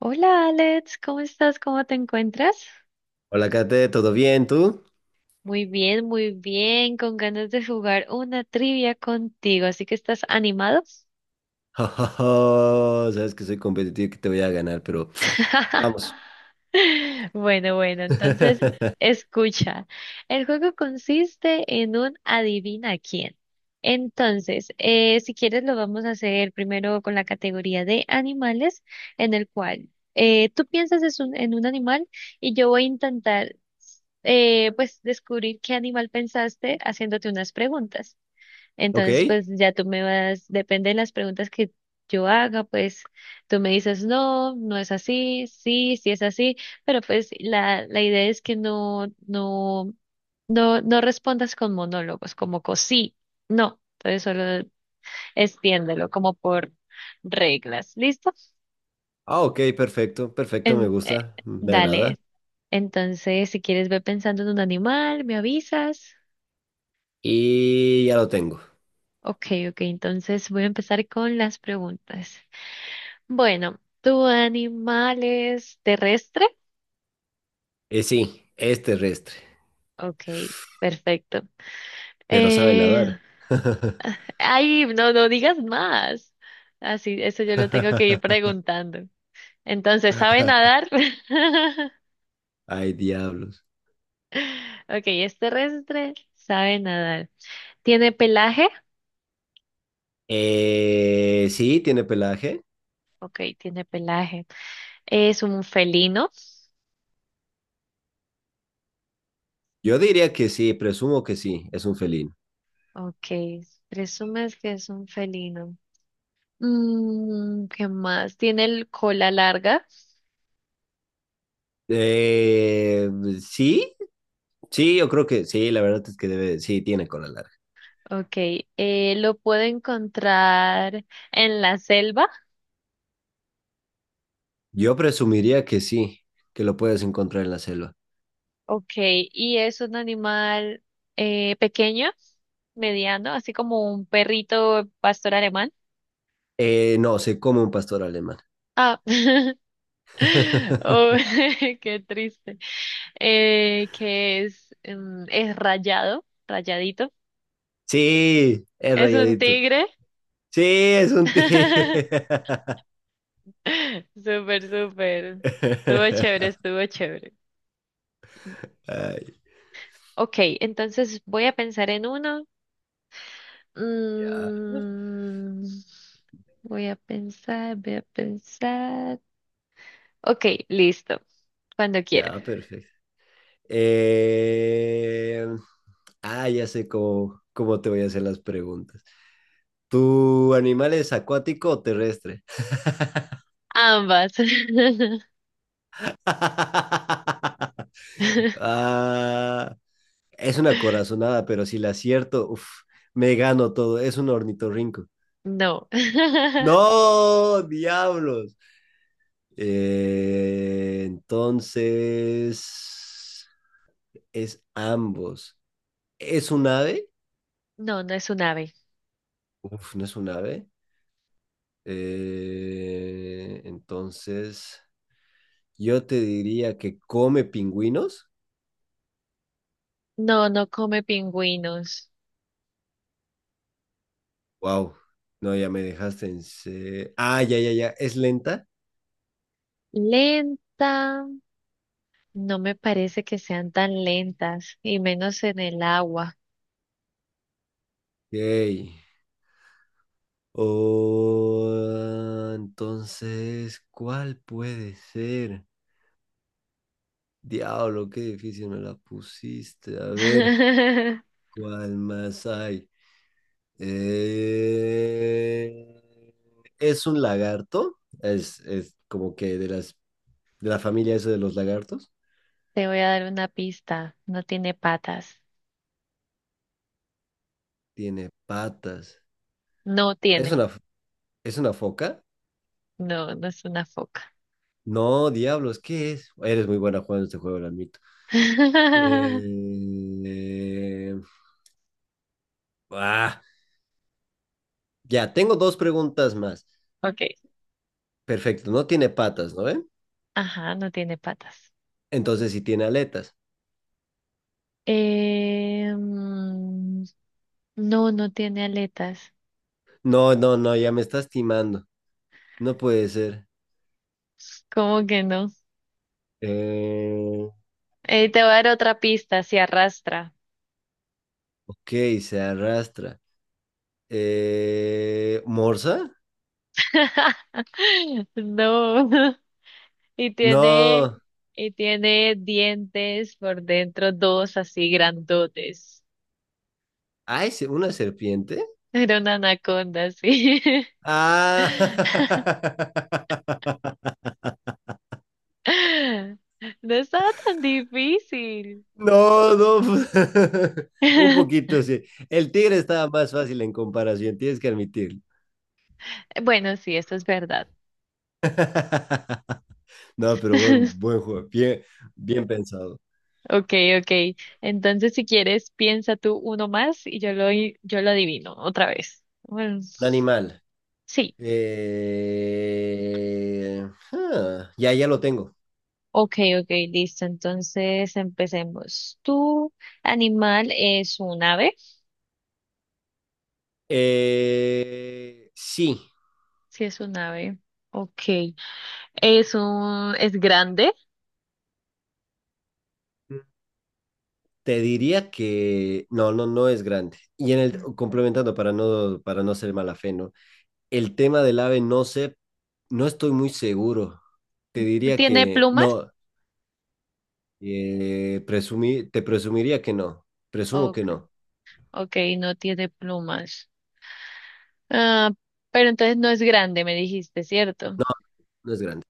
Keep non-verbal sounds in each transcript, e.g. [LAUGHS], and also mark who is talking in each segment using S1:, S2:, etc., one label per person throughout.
S1: Hola Alex, ¿cómo estás? ¿Cómo te encuentras?
S2: Hola, Kate, ¿todo bien? ¿Tú? [LAUGHS]
S1: Muy bien, con ganas de jugar una trivia contigo, así que ¿estás animado?
S2: Jo, jo, jo, sabes que soy competitivo y que te voy a ganar, pero
S1: [LAUGHS]
S2: vamos.
S1: Bueno, bueno, entonces
S2: [LAUGHS]
S1: escucha. El juego consiste en un adivina quién. Entonces, si quieres, lo vamos a hacer primero con la categoría de animales, en el cual tú piensas es un- en un animal y yo voy a intentar pues descubrir qué animal pensaste haciéndote unas preguntas.
S2: ¿Ok?
S1: Entonces, pues ya tú me vas, depende de las preguntas que yo haga, pues tú me dices, no, no es así, sí, sí es así, pero pues la idea es que no, no, no, no respondas con monólogos, como con sí, no, entonces solo extiéndelo como por reglas, ¿listo?
S2: Ah, ok, perfecto, perfecto, me
S1: En- eh,
S2: gusta, me agrada.
S1: dale. Entonces, si quieres ve pensando en un animal, me avisas.
S2: Y ya lo tengo.
S1: Ok, ok, entonces voy a empezar con las preguntas. Bueno, ¿tu animal es terrestre?
S2: Y sí, es terrestre,
S1: Ok, perfecto.
S2: pero sabe
S1: Eh,
S2: nadar.
S1: ay, no, no digas más. Así, eso yo lo tengo que ir
S2: [LAUGHS]
S1: preguntando. Entonces, ¿sabe nadar? [LAUGHS]
S2: Ay, diablos.
S1: Ok, es terrestre, sabe nadar. ¿Tiene pelaje?
S2: Sí, tiene pelaje.
S1: Ok, tiene pelaje. ¿Es un felino?
S2: Yo diría que sí, presumo que sí, es un felino.
S1: Ok, presumes que es un felino. Mm, ¿qué más? ¿Tiene el cola larga?
S2: Eh, sí, sí, yo creo que sí, la verdad es que debe, sí, tiene cola larga.
S1: Okay, lo puedo encontrar en la selva.
S2: Yo presumiría que sí, que lo puedes encontrar en la selva.
S1: Okay, y es un animal pequeño, mediano, así como un perrito pastor alemán.
S2: No, se come un pastor alemán.
S1: Ah, [LAUGHS] oh,
S2: [LAUGHS]
S1: [LAUGHS] qué triste. Es rayado, rayadito.
S2: Sí, es
S1: Es un
S2: rayadito.
S1: tigre.
S2: Sí, es un tigre.
S1: [LAUGHS] Súper, súper. Estuvo chévere,
S2: [LAUGHS]
S1: estuvo chévere.
S2: Ay,
S1: Ok, entonces voy a pensar en uno.
S2: ya,
S1: Mm, voy a pensar, voy a pensar. Ok, listo. Cuando quiera.
S2: ya, perfecto. Eh, ya sé cómo te voy a hacer las preguntas. ¿Tu animal es acuático o terrestre?
S1: Ambas.
S2: [LAUGHS]
S1: [LAUGHS]
S2: Ah, es una corazonada, pero si la acierto, uf, me gano todo. Es un ornitorrinco.
S1: No. [LAUGHS]
S2: ¡No! ¡Diablos! Entonces, es ambos. ¿Es un ave?
S1: No, no es un ave.
S2: Uf, no es un ave. Entonces, yo te diría que come pingüinos.
S1: No, no come pingüinos.
S2: ¡Wow! No, ya me dejaste en... Ah, ya, ya, ya. ¿Es lenta?
S1: ¿Lenta? No me parece que sean tan lentas, y menos en el agua.
S2: Ok. Oh, entonces, ¿cuál puede ser? Diablo, qué difícil me la pusiste. A ver,
S1: [LAUGHS]
S2: ¿cuál más hay? Eh, ¿Es un lagarto? Es como que de la familia eso de los lagartos.
S1: Te voy a dar una pista. No tiene patas.
S2: Tiene patas.
S1: No
S2: ¿Es
S1: tiene.
S2: una, f- es una foca?
S1: No, no es una foca.
S2: No, diablos, ¿qué es? Eres muy buena jugando este juego, lo admito.
S1: [LAUGHS]
S2: Eh, ah, Ya, tengo dos preguntas más.
S1: Ok.
S2: Perfecto, no tiene patas, ¿no ven?
S1: Ajá, no tiene patas.
S2: Entonces sí tiene aletas.
S1: Eh, mm, no, no tiene aletas.
S2: No, no, no, ya me estás timando. No puede ser.
S1: ¿Cómo que no?
S2: Eh,
S1: Te voy a dar otra pista, se arrastra.
S2: ok, se arrastra. ¿Morsa?
S1: [LAUGHS] No. Y tiene,
S2: No.
S1: y tiene dientes por dentro, dos así grandotes.
S2: Ay, ¿una serpiente?
S1: Era una anaconda, sí.
S2: Ah.
S1: [LAUGHS]
S2: [LAUGHS]
S1: No estaba tan difícil.
S2: No, no. [LAUGHS] Un
S1: [LAUGHS]
S2: poquito, sí. El tigre estaba más fácil en comparación, tienes que admitirlo.
S1: Bueno, sí, eso es verdad.
S2: [LAUGHS] No, pero buen,
S1: [LAUGHS]
S2: buen juego. Bien, bien pensado.
S1: Ok, ok. Entonces, si quieres, piensa tú uno más y yo lo adivino otra vez. Bueno,
S2: Un animal.
S1: sí.
S2: Eh, ya, ya lo tengo.
S1: Ok, ok, listo. Entonces, empecemos. ¿Tu animal es un ave?
S2: Sí,
S1: Sí, es un ave. Ok. ¿Es grande?
S2: te diría que no, no, no es grande. Y en el complementando para no ser mala fe, ¿no? El tema del ave, no sé, no estoy muy seguro. Te diría
S1: ¿Tiene
S2: que
S1: plumas?
S2: no. Te presumiría que no. Presumo que
S1: Ok,
S2: no.
S1: ok, no tiene plumas. Ah, pero entonces no es grande, me dijiste, ¿cierto?
S2: No, no es grande.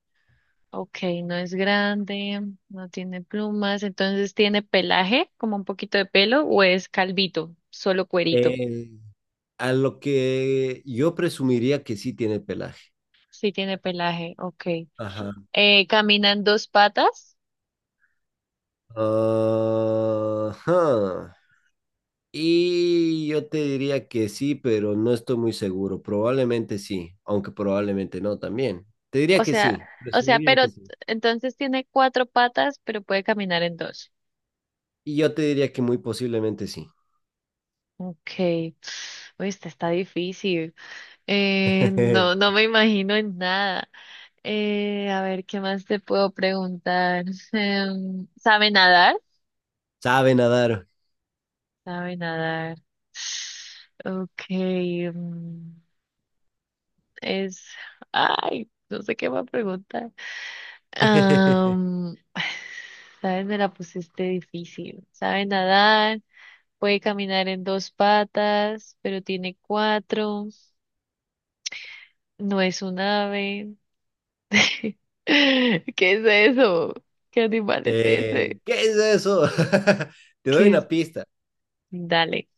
S1: Ok, no es grande, no tiene plumas, entonces tiene pelaje, como un poquito de pelo, o es calvito, solo cuerito.
S2: Eh, a lo que yo presumiría que sí tiene pelaje.
S1: Sí tiene pelaje, ok.
S2: Ajá.
S1: Camina en dos patas,
S2: Ah, ajá. Y yo te diría que sí, pero no estoy muy seguro. Probablemente sí, aunque probablemente no también. Te diría
S1: o
S2: que
S1: sea,
S2: sí. Presumiría
S1: pero
S2: que sí.
S1: entonces tiene cuatro patas, pero puede caminar en dos.
S2: Y yo te diría que muy posiblemente sí.
S1: Ok. Uy, esta está difícil. No,
S2: [LAUGHS]
S1: no me imagino en nada. A ver, ¿qué más te puedo preguntar? [LAUGHS] ¿Sabe nadar?
S2: Sabe nadar.
S1: Sabe nadar. [SIGHS] Ok. Mm, es. Ay, no sé qué va a preguntar.
S2: [LAUGHS]
S1: Am, [SIGHS] ¿sabes? Me la pusiste difícil. Sabe nadar, puede caminar en dos patas, pero tiene cuatro. No es un ave. [LAUGHS] ¿Qué es eso? ¿Qué animal es ese?
S2: ¿Qué es eso? [LAUGHS] Te doy
S1: ¿Qué es?
S2: una pista.
S1: Dale.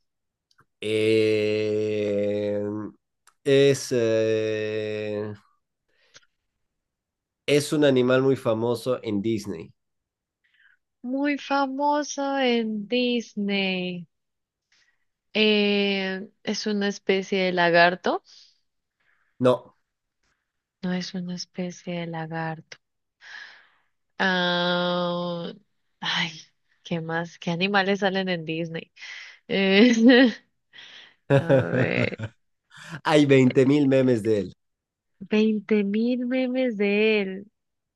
S2: Eh, es, eh, es un animal muy famoso en Disney.
S1: Muy famoso en Disney. Es una especie de lagarto.
S2: No.
S1: No es una especie de lagarto. Ah, ay, ¿qué más? ¿Qué animales salen en Disney? Eh, [LAUGHS] a
S2: [LAUGHS]
S1: ver,
S2: Hay 20 mil memes de él.
S1: 20.000 memes de él.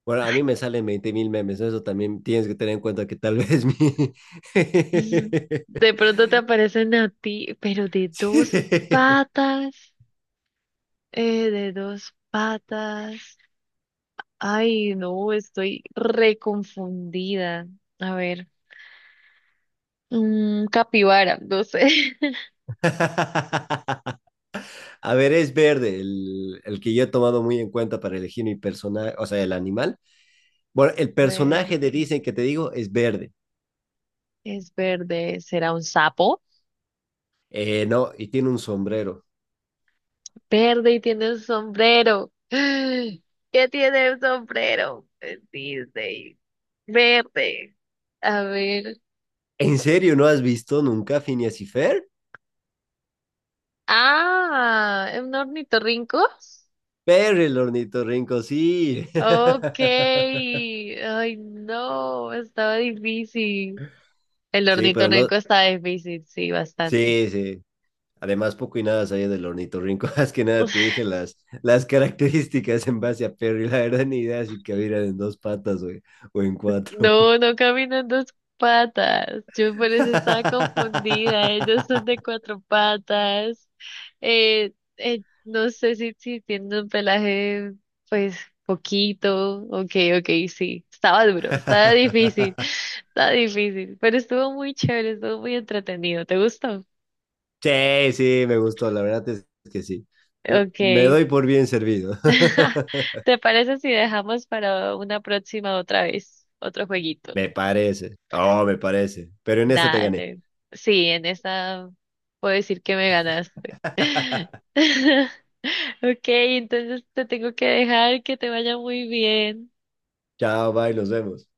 S2: Bueno, a mí me salen 20 mil memes, ¿no? Eso también tienes que tener en cuenta que tal vez mi.
S1: Mm,
S2: [LAUGHS]
S1: de pronto te aparecen a ti, pero de dos
S2: Sí.
S1: patas. De dos patas. Ay, no, estoy reconfundida. A ver, mm, capibara, no sé. [LAUGHS]
S2: [LAUGHS] A ver, es verde el que yo he tomado muy en cuenta para elegir mi personaje, o sea, el animal. Bueno, el personaje de
S1: Verde.
S2: Disney que te digo es verde.
S1: Es verde. ¿Será un sapo?
S2: No, y tiene un sombrero.
S1: Verde y tiene un sombrero. [GASPS] ¿Qué tiene un sombrero? Es Disney. Verde. A ver.
S2: ¿En serio no has visto nunca Phineas y Fer?
S1: Ah, ¿es un ornitorrinco?
S2: Pero el ornitorrinco, sí.
S1: Ok.
S2: [LAUGHS]
S1: Ay, no, estaba difícil. El
S2: Sí, pero no.
S1: ornitorrinco estaba difícil, sí, bastante.
S2: Sí, sí. Además, poco y nada sabía del ornitorrinco. [LAUGHS] Más que nada te dije las características en base a Perry. La verdad, ni idea si cabían en dos patas o en cuatro.
S1: No, no caminan dos patas. Yo por eso estaba confundida. Ellos son de
S2: [LAUGHS]
S1: cuatro patas. No sé si, si tienen un pelaje, pues, poquito. Ok, ok, sí. Estaba duro, estaba difícil, [LAUGHS] estaba difícil. Pero estuvo muy chévere, estuvo muy entretenido. ¿Te gustó?
S2: Sí, sí, me gustó. La verdad es que sí.
S1: Ok.
S2: Me doy por bien servido.
S1: [LAUGHS]
S2: [LAUGHS]
S1: ¿Te parece si dejamos para una próxima otra vez otro jueguito?
S2: Me parece. Oh, me parece. Pero en esta te gané.
S1: Dale. Sí, en esa puedo decir que me ganaste.
S2: [LAUGHS]
S1: [LAUGHS] Ok, entonces te tengo que dejar que te vaya muy bien.
S2: Chao, bye, nos vemos.